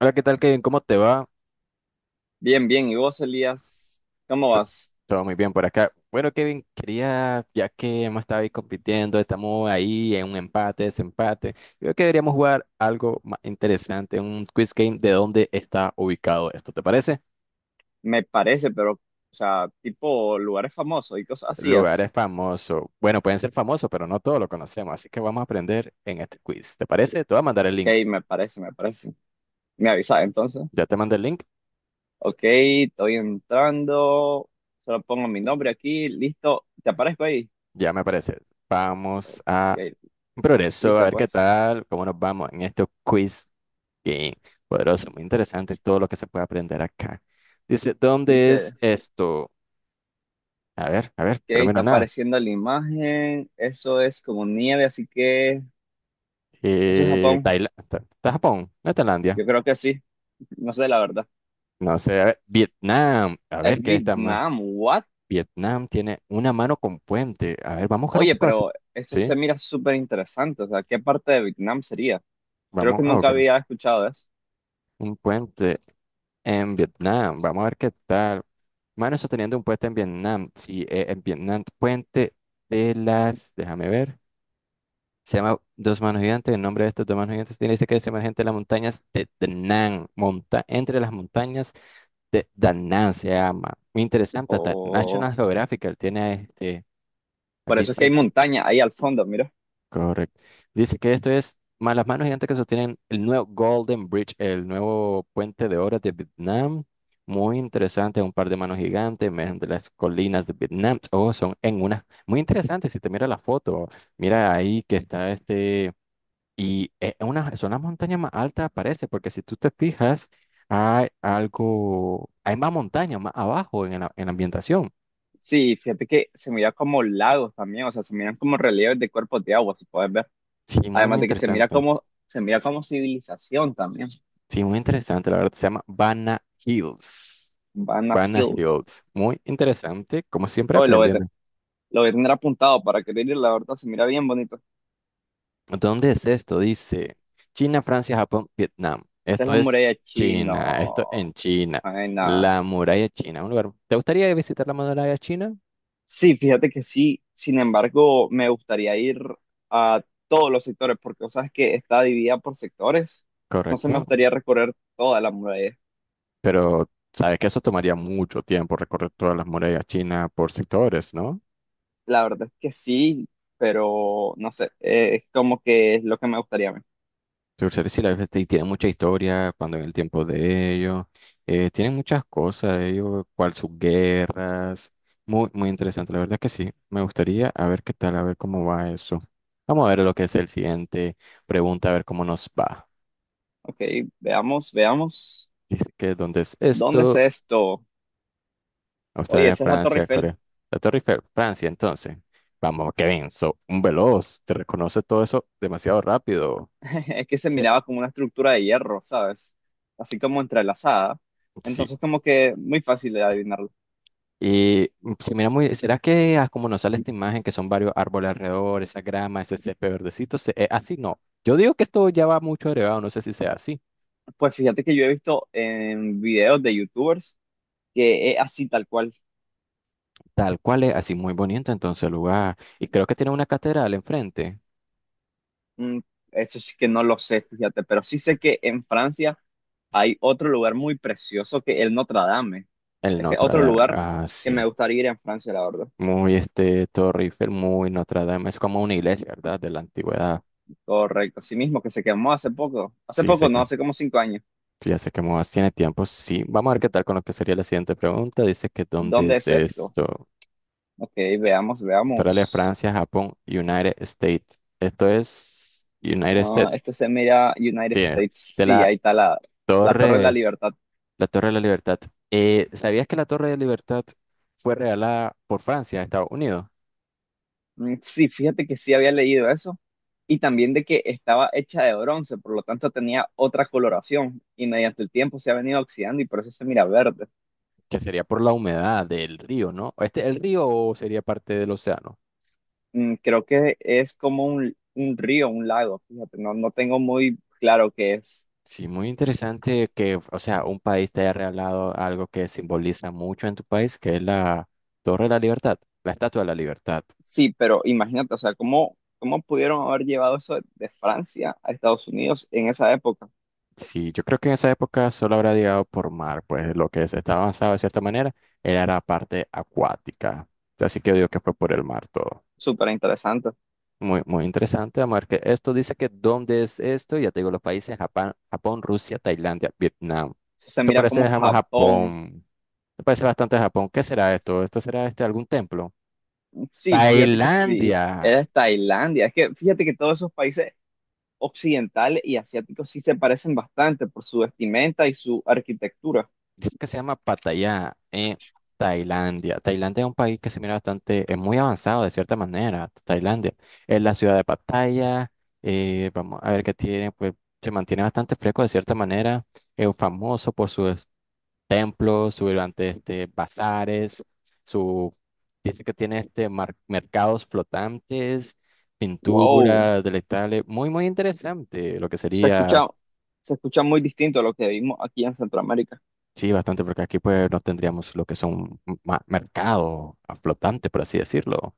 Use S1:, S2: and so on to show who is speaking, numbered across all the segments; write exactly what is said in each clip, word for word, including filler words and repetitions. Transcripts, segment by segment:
S1: Hola, ¿qué tal, Kevin? ¿Cómo te va?
S2: Bien, bien. ¿Y vos, Elías, cómo vas?
S1: Todo muy bien por acá. Bueno, Kevin, quería, ya que hemos estado ahí compitiendo, estamos ahí en un empate, desempate, yo creo que deberíamos jugar algo más interesante, un quiz game de dónde está ubicado esto, ¿te parece?
S2: Me parece, pero, o sea, tipo lugares famosos y cosas así es.
S1: Lugares famosos. Bueno, pueden ser famosos, pero no todos lo conocemos, así que vamos a aprender en este quiz, ¿te parece? Te voy a mandar el
S2: Ok,
S1: link.
S2: me parece, me parece. Me avisas entonces.
S1: Ya te mandé el link,
S2: Ok, estoy entrando. Solo pongo mi nombre aquí. Listo. ¿Te aparezco ahí?
S1: ya me parece. Vamos
S2: Ok,
S1: a un progreso, a
S2: listo,
S1: ver qué
S2: pues.
S1: tal, cómo nos vamos en este quiz. Bien, poderoso, muy interesante todo lo que se puede aprender acá. Dice, ¿dónde
S2: Dice
S1: es esto? A ver, a ver, pero
S2: que
S1: mira,
S2: está
S1: nada.
S2: apareciendo la imagen. Eso es como nieve, así que eso es
S1: Eh,
S2: Japón.
S1: Taila- Ta- Ta- Japón, no Tailandia.
S2: Yo creo que sí. No sé la verdad.
S1: No sé, a ver, Vietnam. A
S2: Es
S1: ver, ¿qué está más?
S2: Vietnam. ¿What?
S1: Vietnam tiene una mano con puente. A ver, vamos a buscar un
S2: Oye,
S1: poco así.
S2: pero eso
S1: Sí,
S2: se mira súper interesante. O sea, ¿qué parte de Vietnam sería? Creo
S1: vamos
S2: que
S1: a
S2: nunca
S1: buscar
S2: había escuchado de eso.
S1: un puente en Vietnam. Vamos a ver qué tal. Mano sosteniendo un puente en Vietnam. Sí, eh, en Vietnam, puente de las, déjame ver. Se llama Dos Manos Gigantes. El nombre de estos dos manos gigantes tiene dice que es emergente de las montañas de Danang. Monta entre las montañas de Danang se llama. Muy interesante. Hasta
S2: O
S1: National Geographic tiene este.
S2: por eso es que hay
S1: Dice que.
S2: montaña ahí al fondo, mira.
S1: Correcto. Dice que esto es más las manos gigantes que sostienen el nuevo Golden Bridge, el nuevo puente de oro de Vietnam. Muy interesante, un par de manos gigantes emergen de las colinas de Vietnam. Oh, son en una. Muy interesante, si te mira la foto, mira ahí que está este y es una, son las montañas más altas, parece, porque si tú te fijas, hay algo, hay más montaña más abajo en la, en la ambientación.
S2: Sí, fíjate que se mira como lagos también, o sea, se miran como relieves de cuerpos de agua, si puedes ver.
S1: Sí, muy,
S2: Además
S1: muy
S2: de que se mira
S1: interesante.
S2: como, se mira como civilización también.
S1: Sí, muy interesante, la verdad. Se llama Banna Hills.
S2: Vanna
S1: Banna
S2: Hills.
S1: Hills. Muy interesante, como siempre
S2: Oye, lo voy a, te-
S1: aprendiendo.
S2: lo voy a tener apuntado para querer ir, la verdad, se mira bien bonito.
S1: ¿Dónde es esto? Dice China, Francia, Japón, Vietnam.
S2: Esa es
S1: Esto
S2: la
S1: es
S2: muralla china.
S1: China, esto en China.
S2: Ay, no.
S1: La muralla china, un lugar. ¿Te gustaría visitar la muralla china?
S2: Sí, fíjate que sí, sin embargo, me gustaría ir a todos los sectores, porque sabes que está dividida por sectores, entonces
S1: Correcto.
S2: me gustaría recorrer toda la muralla.
S1: Pero sabes que eso tomaría mucho tiempo recorrer todas las murallas chinas por sectores, ¿no?
S2: La verdad es que sí, pero no sé, eh, es como que es lo que me gustaría ver.
S1: Pero sí, sí, la verdad, sí, tiene mucha historia cuando en el tiempo de ellos. Eh, tienen muchas cosas ellos, cual sus guerras. Muy, muy interesante, la verdad que sí. Me gustaría a ver qué tal, a ver cómo va eso. Vamos a ver lo que es el siguiente pregunta, a ver cómo nos va.
S2: Ok, veamos, veamos,
S1: Dice que, ¿dónde es
S2: ¿dónde es
S1: esto?
S2: esto? Oye,
S1: Australia,
S2: esa es la Torre
S1: Francia,
S2: Eiffel.
S1: Corea. La Torre Eiffel, Francia, entonces. Vamos, Kevin, so un veloz, te reconoce todo eso demasiado rápido.
S2: Es que se
S1: Sí.
S2: miraba como una estructura de hierro, ¿sabes? Así como entrelazada,
S1: Sí.
S2: entonces como que muy fácil de adivinarlo.
S1: Y mm, se mira muy, ¿será que ah, como nos sale esta imagen que son varios árboles alrededor, esa grama, ese césped verdecito, se- eh, así no? Yo digo que esto ya va mucho agregado, no sé si sea así.
S2: Pues fíjate que yo he visto en videos de youtubers, que es así tal cual.
S1: Tal cual es, así muy bonito entonces el lugar. Y creo que tiene una catedral enfrente,
S2: Mm, eso sí que no lo sé, fíjate, pero sí sé que en Francia hay otro lugar muy precioso que el Notre Dame.
S1: el
S2: Ese es
S1: Notre
S2: otro
S1: Dame.
S2: lugar
S1: Ah,
S2: que me
S1: sí.
S2: gustaría ir en Francia, la verdad.
S1: Muy este Torre Eiffel, muy Notre Dame. Es como una iglesia, ¿verdad? De la antigüedad.
S2: Correcto, así mismo que se quemó hace poco. Hace
S1: Sí, sé
S2: poco, no,
S1: que,
S2: hace como cinco años.
S1: sí, ya sé que Moas tiene tiempo. Sí, vamos a ver qué tal con lo que sería la siguiente pregunta. Dice que ¿dónde
S2: ¿Dónde
S1: es
S2: es esto?
S1: esto?
S2: Ok, veamos,
S1: Australia,
S2: veamos.
S1: Francia, Japón, United States. Esto es United
S2: Ah,
S1: States.
S2: esto se mira United
S1: Sí, eh,
S2: States.
S1: de
S2: Sí,
S1: la
S2: ahí está la, la Torre de la
S1: Torre,
S2: Libertad.
S1: la Torre de la Libertad. Eh, ¿sabías que la Torre de la Libertad fue regalada por Francia a Estados Unidos?
S2: Mm, sí, fíjate que sí había leído eso y también de que estaba hecha de bronce, por lo tanto tenía otra coloración y mediante el tiempo se ha venido oxidando y por eso se mira verde.
S1: ¿Que sería por la humedad del río, ¿no? ¿Este el río o sería parte del océano?
S2: Mm, creo que es como un, un río, un lago, fíjate, no, no tengo muy claro qué es.
S1: Sí, muy interesante que, o sea, un país te haya regalado algo que simboliza mucho en tu país, que es la Torre de la Libertad, la Estatua de la Libertad.
S2: Sí, pero imagínate, o sea, ¿cómo, cómo pudieron haber llevado eso de Francia a Estados Unidos en esa época?
S1: Sí, yo creo que en esa época solo habrá llegado por mar, pues lo que se estaba avanzado de cierta manera era la parte acuática. Así que yo digo que fue por el mar todo.
S2: Súper interesante.
S1: Muy, muy interesante, amor. Que esto dice que dónde es esto, ya te digo los países, Japón, Japón, Rusia, Tailandia, Vietnam.
S2: Eso se
S1: Esto
S2: mira
S1: parece,
S2: como
S1: dejamos
S2: Japón.
S1: Japón, esto parece bastante Japón. ¿Qué será esto? ¿Esto será este algún templo?
S2: Sí, fíjate que sí,
S1: Tailandia.
S2: era Tailandia. Es que fíjate que todos esos países occidental y asiático sí se parecen bastante por su vestimenta y su arquitectura.
S1: Dice que se llama Pattaya, eh, Tailandia. Tailandia es un país que se mira bastante, es muy avanzado de cierta manera. Tailandia es la ciudad de Pattaya. Eh, vamos a ver qué tiene, pues se mantiene bastante fresco de cierta manera. Es famoso por sus templos, sus grandes este, bazares, su, dice que tiene este mar- mercados flotantes,
S2: Wow,
S1: pinturas, delectables. Muy, muy interesante lo que
S2: se
S1: sería.
S2: escucha, se escucha muy distinto a lo que vimos aquí en Centroamérica.
S1: Sí, bastante, porque aquí pues no tendríamos lo que son ma- mercado a flotante, por así decirlo.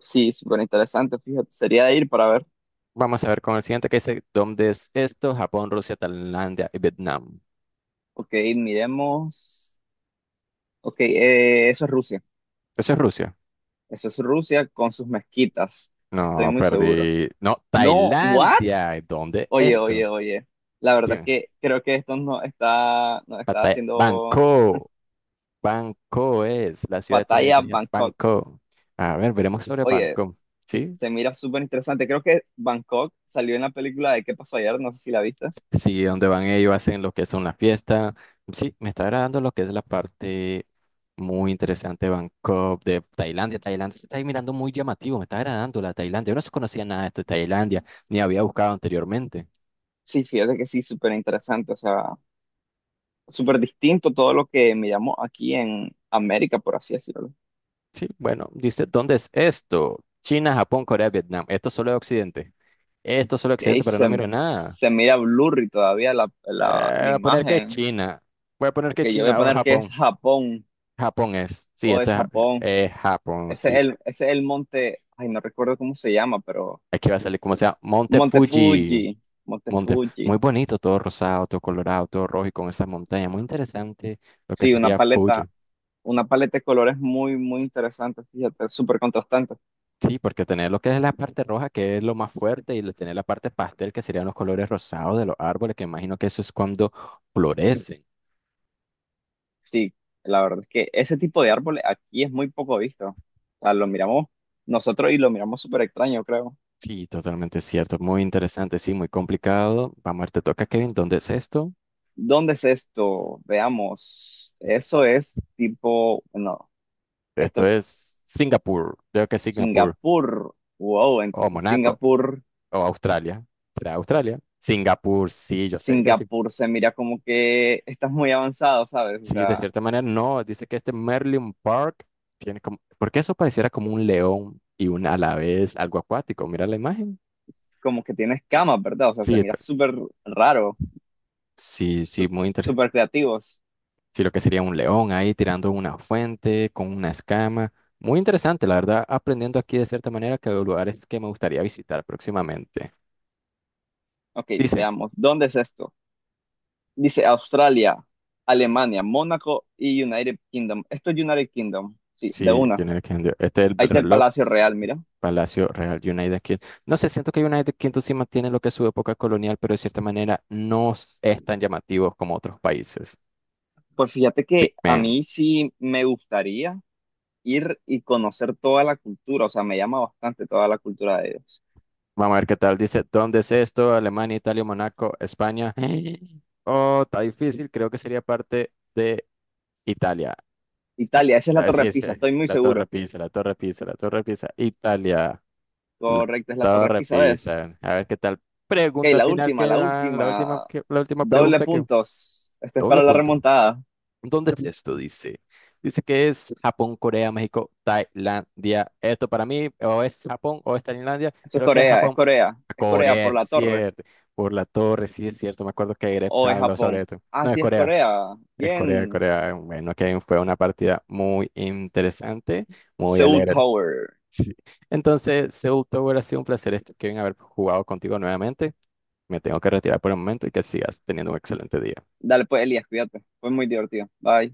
S2: Sí, súper interesante, fíjate, sería de ir para ver.
S1: Vamos a ver con el siguiente que dice, ¿dónde es esto? Japón, Rusia, Tailandia y Vietnam.
S2: Ok, miremos. Ok, eh, eso es Rusia.
S1: Eso es Rusia.
S2: Eso es Rusia con sus mezquitas,
S1: No,
S2: estoy muy seguro.
S1: perdí. No,
S2: No, ¿what?
S1: Tailandia. ¿Y ¿Dónde es
S2: Oye,
S1: esto?
S2: oye, oye. La
S1: Sí,
S2: verdad es que creo que esto nos está, nos está
S1: Pattaya-
S2: haciendo
S1: Bangkok. Bangkok es la ciudad de
S2: batalla
S1: Tailandia.
S2: Bangkok.
S1: Bangkok. A ver, veremos sobre
S2: Oye,
S1: Bangkok. Sí,
S2: se mira súper interesante. Creo que Bangkok salió en la película de ¿Qué pasó ayer? No sé si la viste.
S1: sí, donde van ellos hacen lo que son las fiestas. Sí, me está agradando lo que es la parte muy interesante de Bangkok, de Tailandia. Tailandia se está ahí mirando muy llamativo, me está agradando la Tailandia. Yo no se conocía nada de esto de Tailandia, ni había buscado anteriormente.
S2: Sí, fíjate que sí, súper interesante. O sea, súper distinto todo lo que miramos aquí en América, por así decirlo.
S1: Sí, bueno, dice, ¿dónde es esto? China, Japón, Corea, Vietnam. Esto solo es Occidente. Esto solo es
S2: Que
S1: Occidente, pero no
S2: se,
S1: miro nada.
S2: se mira blurry todavía la, la,
S1: Eh,
S2: la
S1: voy a poner que es
S2: imagen.
S1: China. Voy a poner que
S2: Que yo voy a
S1: China o
S2: poner que es
S1: Japón.
S2: Japón
S1: Japón es. Sí,
S2: o
S1: esto
S2: es
S1: es,
S2: Japón.
S1: es Japón,
S2: Ese
S1: sí.
S2: es el, ese es el monte, ay, no recuerdo cómo se llama, pero
S1: Aquí va a salir como sea Monte
S2: Monte Fuji,
S1: Fuji.
S2: Monte
S1: Monte,
S2: Fuji.
S1: muy bonito, todo rosado, todo colorado, todo rojo y con esas montañas. Muy interesante lo que
S2: Sí, una
S1: sería Fuji.
S2: paleta una paleta de colores muy, muy interesante, fíjate, súper contrastante.
S1: Sí, porque tener lo que es la parte roja, que es lo más fuerte, y le- tener la parte pastel, que serían los colores rosados de los árboles, que imagino que eso es cuando florecen.
S2: Sí, la verdad es que ese tipo de árboles aquí es muy poco visto. O sea, lo miramos nosotros y lo miramos súper extraño, creo.
S1: Sí, totalmente cierto. Muy interesante, sí, muy complicado. Vamos a ver, te toca, Kevin. ¿Dónde es esto?
S2: ¿Dónde es esto? Veamos. Eso es tipo, bueno,
S1: Esto
S2: esto,
S1: es Singapur. Creo que es Singapur.
S2: Singapur. Wow,
S1: O
S2: entonces
S1: Monaco.
S2: Singapur,
S1: O Australia. ¿Será Australia? Singapur, sí, yo sé que era.
S2: Singapur se mira como que estás muy avanzado, ¿sabes? O
S1: Sí, de
S2: sea,
S1: cierta manera, no. Dice que este Merlin Park tiene como, porque eso pareciera como un león y un a la vez algo acuático. Mira la imagen.
S2: como que tienes camas, ¿verdad? O sea, se
S1: Sí,
S2: mira
S1: pe-
S2: súper raro,
S1: sí, sí,
S2: su-
S1: muy interesante.
S2: súper creativos.
S1: Sí, lo que sería un león ahí tirando una fuente con una escama. Muy interesante, la verdad, aprendiendo aquí de cierta manera que de lugares que me gustaría visitar próximamente.
S2: Ok,
S1: Dice.
S2: veamos. ¿Dónde es esto? Dice Australia, Alemania, Mónaco y United Kingdom. Esto es United Kingdom. Sí, de
S1: Sí,
S2: una.
S1: United Kingdom. Este es el
S2: Ahí está el
S1: reloj
S2: Palacio Real, mira.
S1: Palacio Real United Kingdom. No sé, siento que United Kingdom sí mantiene lo que es su época colonial, pero de cierta manera no s- es tan llamativo como otros países.
S2: Pues fíjate
S1: Big
S2: que a
S1: Ben.
S2: mí sí me gustaría ir y conocer toda la cultura. O sea, me llama bastante toda la cultura de ellos.
S1: Vamos a ver qué tal. Dice, ¿dónde es esto? Alemania, Italia, Monaco, España. Oh, está difícil. Creo que sería parte de Italia.
S2: Italia, esa es la
S1: Ah,
S2: Torre
S1: sí, sí,
S2: Pisa, estoy
S1: sí.
S2: muy
S1: La Torre
S2: seguro.
S1: Pisa, la Torre Pisa, la Torre Pisa, Italia. La
S2: Correcto, es la
S1: todo
S2: Torre Pisa,
S1: repisa.
S2: ¿ves?
S1: A ver qué tal.
S2: Ok,
S1: Pregunta
S2: la
S1: final
S2: última,
S1: que
S2: la
S1: va, la última,
S2: última.
S1: que- la última
S2: Doble
S1: pregunta que
S2: puntos. Esto es
S1: doble
S2: para la
S1: punto.
S2: remontada.
S1: ¿Dónde es esto? Dice. Dice que es Japón, Corea, México, Tailandia. Esto para mí o es Japón o es Tailandia.
S2: Esto es
S1: Creo que es
S2: Corea, es
S1: Japón.
S2: Corea. Es Corea
S1: Corea,
S2: por
S1: es
S2: la torre.
S1: cierto. Por la torre, sí es cierto. Me acuerdo que Greg
S2: ¿O es
S1: habló sobre
S2: Japón?
S1: esto.
S2: Ah,
S1: No, es
S2: sí, es
S1: Corea.
S2: Corea.
S1: Es Corea,
S2: Bien.
S1: Corea. Bueno, que fue una partida muy interesante, muy
S2: Seoul
S1: alegre.
S2: Tower.
S1: Sí. Entonces, Seoul Tower ha sido un placer, este- Kevin, haber jugado contigo nuevamente. Me tengo que retirar por el momento y que sigas teniendo un excelente día.
S2: Dale, pues, Elías, cuídate. Fue muy divertido. Bye.